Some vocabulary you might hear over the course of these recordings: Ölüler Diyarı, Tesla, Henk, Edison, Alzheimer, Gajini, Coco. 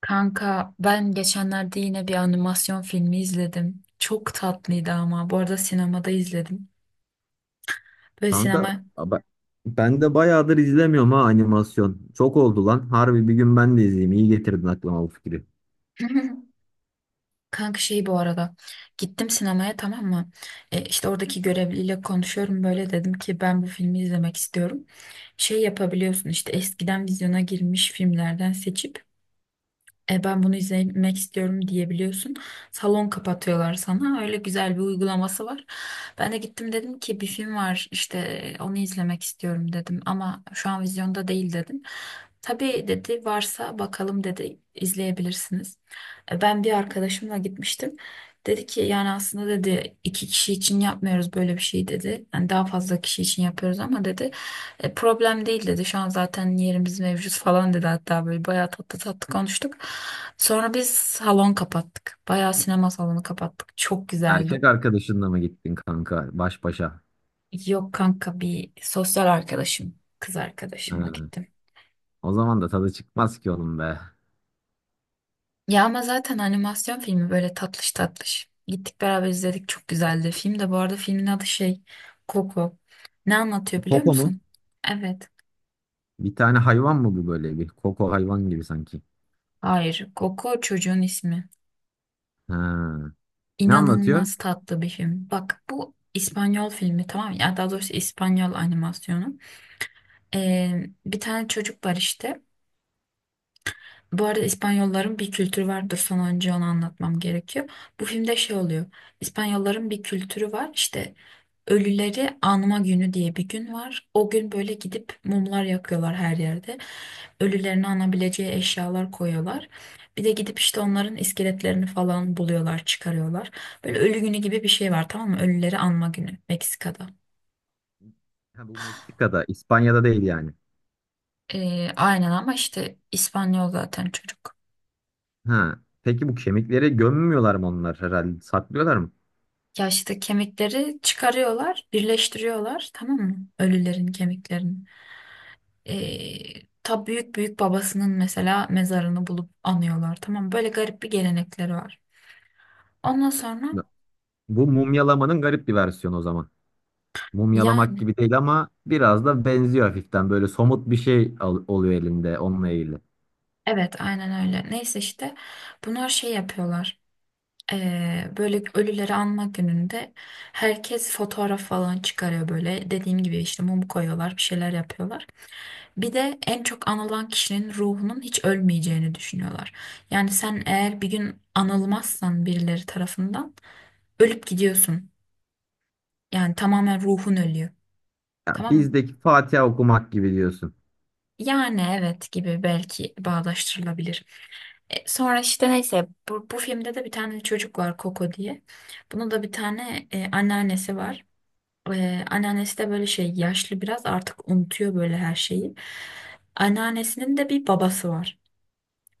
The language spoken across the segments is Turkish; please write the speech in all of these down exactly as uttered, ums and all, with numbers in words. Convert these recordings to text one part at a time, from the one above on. Kanka ben geçenlerde yine bir animasyon filmi izledim. Çok tatlıydı ama. Bu arada sinemada izledim. Böyle Kanka sinema... ben, ben de bayağıdır izlemiyorum ha animasyon. Çok oldu lan. Harbi bir gün ben de izleyeyim. İyi getirdin aklıma bu fikri. Kanka şey bu arada. Gittim sinemaya, tamam mı? E, işte oradaki görevliyle konuşuyorum. Böyle dedim ki ben bu filmi izlemek istiyorum. Şey yapabiliyorsun işte, eskiden vizyona girmiş filmlerden seçip E ben bunu izlemek istiyorum diyebiliyorsun. Salon kapatıyorlar sana. Öyle güzel bir uygulaması var. Ben de gittim, dedim ki bir film var işte, e, onu izlemek istiyorum dedim. Ama şu an vizyonda değil dedim. Tabii dedi, varsa bakalım dedi, izleyebilirsiniz. E, Ben bir arkadaşımla gitmiştim. Dedi ki yani aslında dedi iki kişi için yapmıyoruz böyle bir şey dedi. Yani daha fazla kişi için yapıyoruz ama dedi. E, problem değil dedi. Şu an zaten yerimiz mevcut falan dedi. Hatta böyle bayağı tatlı tatlı konuştuk. Sonra biz salon kapattık. Bayağı sinema salonu kapattık. Çok güzeldi. Erkek arkadaşınla mı gittin kanka baş başa? Yok kanka, bir sosyal arkadaşım, kız arkadaşımla Ha, gittim. o zaman da tadı çıkmaz ki oğlum be. Ya ama zaten animasyon filmi, böyle tatlış tatlış. Gittik beraber izledik. Çok güzeldi. Film de bu arada, filmin adı şey Coco. Ne anlatıyor biliyor Koko mu? musun? Evet. Bir tane hayvan mı bu böyle bir? Koko hayvan gibi sanki. Hayır. Coco çocuğun ismi. Ha. Ne anlatıyor? İnanılmaz tatlı bir film. Bak bu İspanyol filmi, tamam mı? Ya daha doğrusu İspanyol animasyonu. Ee, bir tane çocuk var işte. Bu arada İspanyolların bir kültürü vardır. Sana önce onu anlatmam gerekiyor. Bu filmde şey oluyor. İspanyolların bir kültürü var. İşte ölüleri anma günü diye bir gün var. O gün böyle gidip mumlar yakıyorlar her yerde. Ölülerini anabileceği eşyalar koyuyorlar. Bir de gidip işte onların iskeletlerini falan buluyorlar, çıkarıyorlar. Böyle ölü günü gibi bir şey var, tamam mı? Ölüleri anma günü Meksika'da. Ha, bu Meksika'da, İspanya'da değil yani. Ee, aynen ama işte İspanyol zaten çocuk. Ha. Peki bu kemikleri gömmüyorlar mı onlar herhalde? Saklıyorlar mı? Ya işte kemikleri çıkarıyorlar, birleştiriyorlar, tamam mı? Ölülerin kemiklerini. Ee, ta büyük büyük babasının mesela mezarını bulup anıyorlar, tamam mı? Böyle garip bir gelenekleri var. Ondan sonra Bu mumyalamanın garip bir versiyonu o zaman. Mumyalamak yani gibi değil ama biraz da benziyor hafiften. Böyle somut bir şey al- oluyor elinde onunla ilgili. evet aynen öyle. Neyse işte bunlar şey yapıyorlar. Ee, böyle ölüleri anma gününde herkes fotoğraf falan çıkarıyor böyle. Dediğim gibi işte mum koyuyorlar, bir şeyler yapıyorlar. Bir de en çok anılan kişinin ruhunun hiç ölmeyeceğini düşünüyorlar. Yani sen eğer bir gün anılmazsan birileri tarafından, ölüp gidiyorsun. Yani tamamen ruhun ölüyor. Ya Tamam mı? bizdeki Fatiha okumak gibi diyorsun. Yani evet gibi, belki bağdaştırılabilir. E, sonra işte neyse bu, bu filmde de bir tane çocuk var Coco diye. Bunun da bir tane e, anneannesi var. E, anneannesi de böyle şey yaşlı, biraz artık unutuyor böyle her şeyi. Anneannesinin de bir babası var.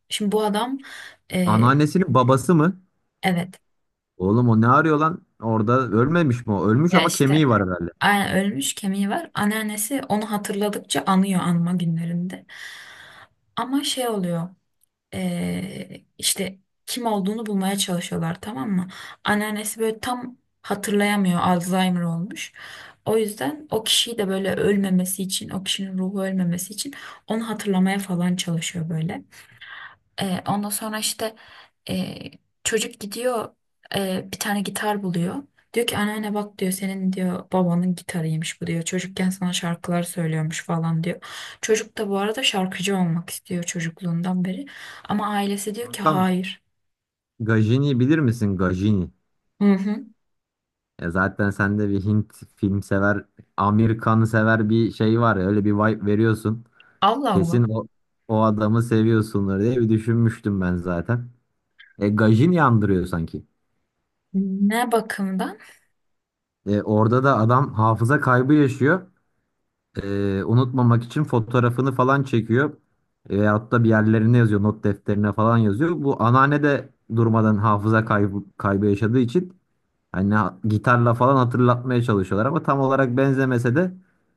Şimdi bu adam e, Anneannesinin babası mı? evet. Oğlum o ne arıyor lan? Orada ölmemiş mi o? Ölmüş Ya ama işte kemiği var herhalde. aynen ölmüş, kemiği var. Anneannesi onu hatırladıkça anıyor anma günlerinde. Ama şey oluyor. eee, işte kim olduğunu bulmaya çalışıyorlar, tamam mı? Anneannesi böyle tam hatırlayamıyor. Alzheimer olmuş. O yüzden o kişiyi de böyle ölmemesi için, o kişinin ruhu ölmemesi için onu hatırlamaya falan çalışıyor böyle. E, ondan sonra işte e, çocuk gidiyor e, bir tane gitar buluyor. Diyor ki anneanne bak diyor, senin diyor babanın gitarıymış bu diyor. Çocukken sana şarkılar söylüyormuş falan diyor. Çocuk da bu arada şarkıcı olmak istiyor çocukluğundan beri. Ama ailesi diyor ki Kankam hayır. Gajini bilir misin? Gajini. Hı hı. E zaten sende bir Hint film sever, Amerikan sever bir şey var ya. Öyle bir vibe veriyorsun. Allah Allah. Kesin o, o adamı seviyorsundur diye bir düşünmüştüm ben zaten. E Gajini andırıyor sanki. Ne bakımdan? E, orada da adam hafıza kaybı yaşıyor. E, unutmamak için fotoğrafını falan çekiyor. E, veyahut da bir yerlerine yazıyor, not defterine falan yazıyor. Bu anneanne de durmadan hafıza kaybı, kaybı yaşadığı için hani ha- gitarla falan hatırlatmaya çalışıyorlar ama tam olarak benzemese de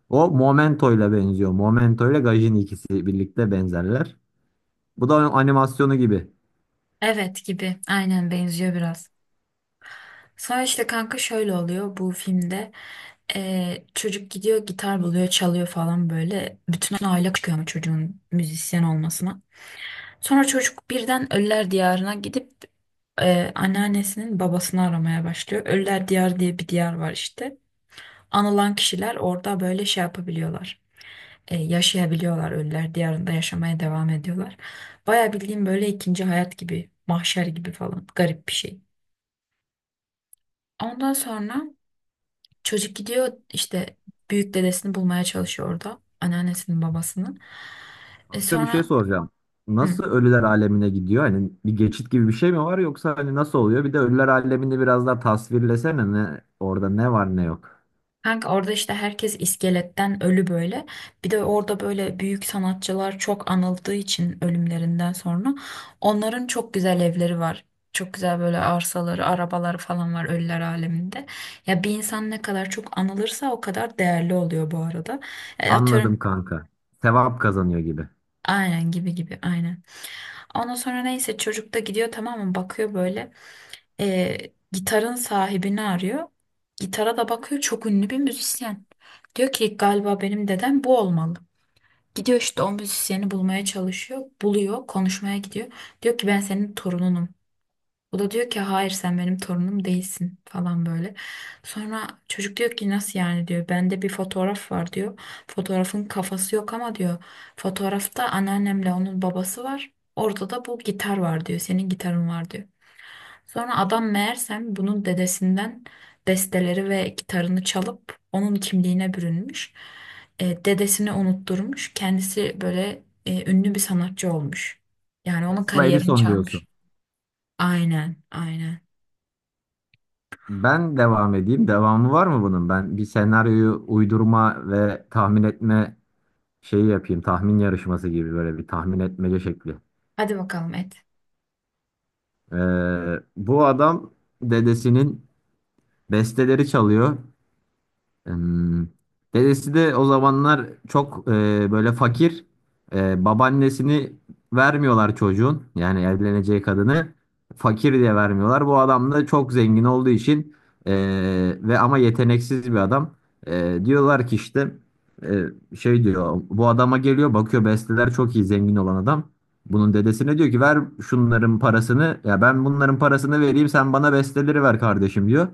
o Momento'yla benziyor. Momento'yla Gajin ikisi birlikte benzerler. Bu da animasyonu gibi. Evet gibi. Aynen benziyor biraz. Sonra işte kanka şöyle oluyor bu filmde. Ee, çocuk gidiyor gitar buluyor çalıyor falan böyle. Bütün aile çıkıyor ama çocuğun müzisyen olmasına. Sonra çocuk birden Ölüler Diyarı'na gidip e, anneannesinin babasını aramaya başlıyor. Ölüler Diyarı diye bir diyar var işte. Anılan kişiler orada böyle şey yapabiliyorlar. E, yaşayabiliyorlar, Ölüler Diyarı'nda yaşamaya devam ediyorlar. Baya bildiğim böyle ikinci hayat gibi, mahşer gibi falan, garip bir şey. Ondan sonra çocuk gidiyor işte büyük dedesini bulmaya çalışıyor orada. Anneannesinin babasının. E Kanka bir şey sonra soracağım. hı, Nasıl ölüler alemine gidiyor? Hani bir geçit gibi bir şey mi var yoksa hani nasıl oluyor? Bir de ölüler alemini biraz daha tasvirlesene ne orada ne var ne yok. kanka orada işte herkes iskeletten ölü böyle. Bir de orada böyle büyük sanatçılar çok anıldığı için ölümlerinden sonra onların çok güzel evleri var. Çok güzel böyle arsaları, arabaları falan var ölüler aleminde. Ya bir insan ne kadar çok anılırsa o kadar değerli oluyor bu arada. E, atıyorum... Anladım kanka. Sevap kazanıyor gibi. Aynen, gibi gibi aynen. Ondan sonra neyse çocuk da gidiyor, tamam mı, bakıyor böyle. Ee, Gitarın sahibini arıyor. Gitara da bakıyor, çok ünlü bir müzisyen. Diyor ki galiba benim dedem bu olmalı. Gidiyor işte o müzisyeni bulmaya çalışıyor. Buluyor, konuşmaya gidiyor. Diyor ki ben senin torununum. O da diyor ki hayır sen benim torunum değilsin falan böyle. Sonra çocuk diyor ki nasıl yani diyor. Bende bir fotoğraf var diyor. Fotoğrafın kafası yok ama diyor. Fotoğrafta anneannemle onun babası var. Orada da bu gitar var diyor. Senin gitarın var diyor. Sonra adam meğersem bunun dedesinden besteleri ve gitarını çalıp onun kimliğine bürünmüş. E, dedesini unutturmuş. Kendisi böyle e, ünlü bir sanatçı olmuş. Yani onun Tesla kariyerini Edison diyorsun. çalmış. Aynen, aynen. Ben devam edeyim. Devamı var mı bunun? Ben bir senaryoyu uydurma ve tahmin etme şeyi yapayım. Tahmin yarışması gibi böyle bir tahmin etmece şekli. Hadi bakalım et. Ee, bu adam dedesinin besteleri çalıyor. Hmm. Dedesi de o zamanlar çok e, böyle fakir. E, babaannesini vermiyorlar çocuğun. Yani evleneceği kadını fakir diye vermiyorlar. Bu adam da çok zengin olduğu için e, ve ama yeteneksiz bir adam. E, diyorlar ki işte e, şey diyor bu adama geliyor bakıyor besteler çok iyi zengin olan adam. Bunun dedesine diyor ki ver şunların parasını ya ben bunların parasını vereyim sen bana besteleri ver kardeşim diyor.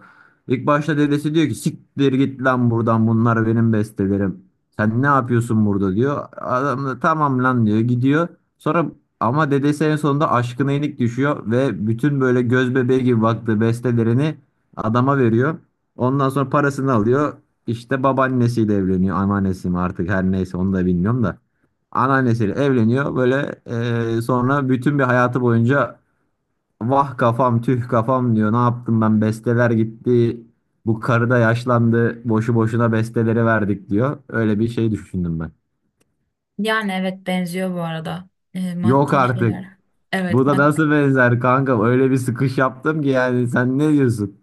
İlk başta dedesi diyor ki siktir git lan buradan bunlar benim bestelerim. Sen ne yapıyorsun burada diyor. Adam da tamam lan diyor gidiyor. Sonra ama dedesi en sonunda aşkına yenik düşüyor ve bütün böyle göz bebeği gibi baktığı bestelerini adama veriyor. Ondan sonra parasını alıyor. İşte babaannesiyle evleniyor. Anneannesi mi artık her neyse onu da bilmiyorum da. Anneannesiyle evleniyor. Böyle eee, sonra bütün bir hayatı boyunca vah kafam tüh kafam diyor. Ne yaptım ben besteler gitti. Bu karı da yaşlandı. Boşu boşuna besteleri verdik diyor. Öyle bir şey düşündüm ben. Yani evet benziyor bu arada. Ee, Yok Maddi şeyler. artık. Bu Evet da mad nasıl benzer kanka? Öyle bir sıkış yaptım ki yani sen ne diyorsun?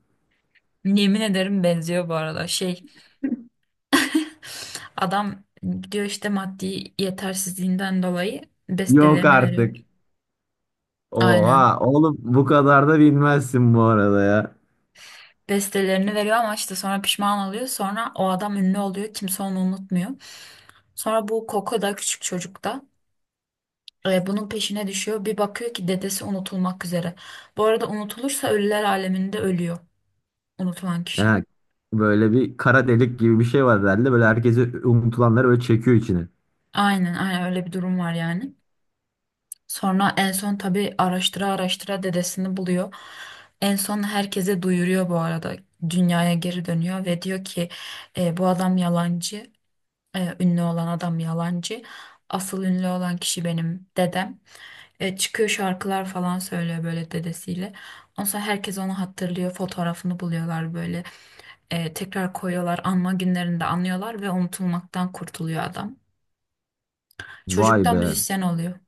Yemin ederim benziyor bu arada. Şey adam diyor işte maddi yetersizliğinden dolayı Yok bestelerini artık. veriyor. Aynen. Oha oğlum bu kadar da bilmezsin bu arada ya. Bestelerini veriyor ama işte sonra pişman oluyor. Sonra o adam ünlü oluyor. Kimse onu unutmuyor. Sonra bu Koko da, küçük çocuk da e, bunun peşine düşüyor. Bir bakıyor ki dedesi unutulmak üzere. Bu arada unutulursa ölüler aleminde ölüyor unutulan kişi. Yani böyle bir kara delik gibi bir şey var herhalde. Böyle herkesi unutulanları böyle çekiyor içine. Aynen aynen öyle bir durum var yani. Sonra en son tabii araştıra araştıra dedesini buluyor. En son herkese duyuruyor bu arada. Dünyaya geri dönüyor ve diyor ki "E, bu adam yalancı. E, ünlü olan adam yalancı. Asıl ünlü olan kişi benim dedem." E, çıkıyor şarkılar falan söylüyor böyle dedesiyle. Ondan sonra herkes onu hatırlıyor. Fotoğrafını buluyorlar böyle. E, tekrar koyuyorlar. Anma günlerinde anıyorlar ve unutulmaktan kurtuluyor adam. Vay Çocuktan be. müzisyen oluyor.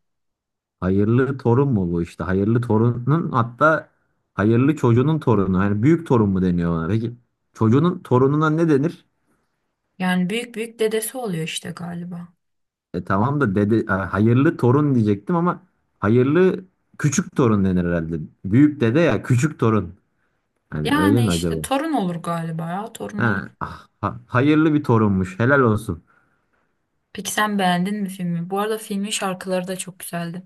Hayırlı torun mu bu işte? Hayırlı torunun hatta hayırlı çocuğunun torunu. Hani büyük torun mu deniyor ona? Peki çocuğunun torununa ne denir? Yani büyük büyük dedesi oluyor işte galiba. E tamam da dede e, hayırlı torun diyecektim ama hayırlı küçük torun denir herhalde. Büyük dede ya küçük torun. Hani öyle Yani mi acaba? işte torun olur galiba, ya torun olur. Ha, ah, ha- Hayırlı bir torunmuş. Helal olsun. Peki sen beğendin mi filmi? Bu arada filmin şarkıları da çok güzeldi.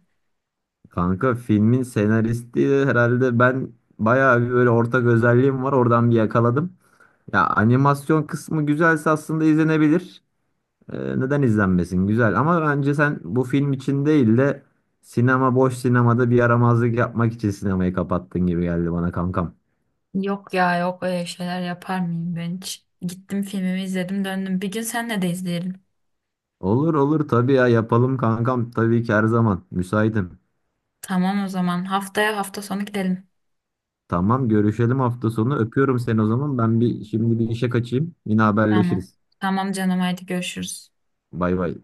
Kanka filmin senaristi de herhalde ben bayağı bir böyle ortak özelliğim var. Oradan bir yakaladım. Ya animasyon kısmı güzelse aslında izlenebilir. Ee, neden izlenmesin? Güzel ama bence sen bu film için değil de sinema boş sinemada bir yaramazlık yapmak için sinemayı kapattın gibi geldi bana kankam. Yok ya yok, öyle şeyler yapar mıyım ben hiç? Gittim filmimi izledim döndüm. Bir gün senle de izleyelim. Olur olur tabii ya yapalım kankam tabii ki her zaman müsaitim. Tamam o zaman haftaya hafta sonu gidelim. Tamam görüşelim hafta sonu öpüyorum seni o zaman ben bir şimdi bir işe kaçayım yine Tamam. haberleşiriz. Tamam canım haydi görüşürüz. Bay bay.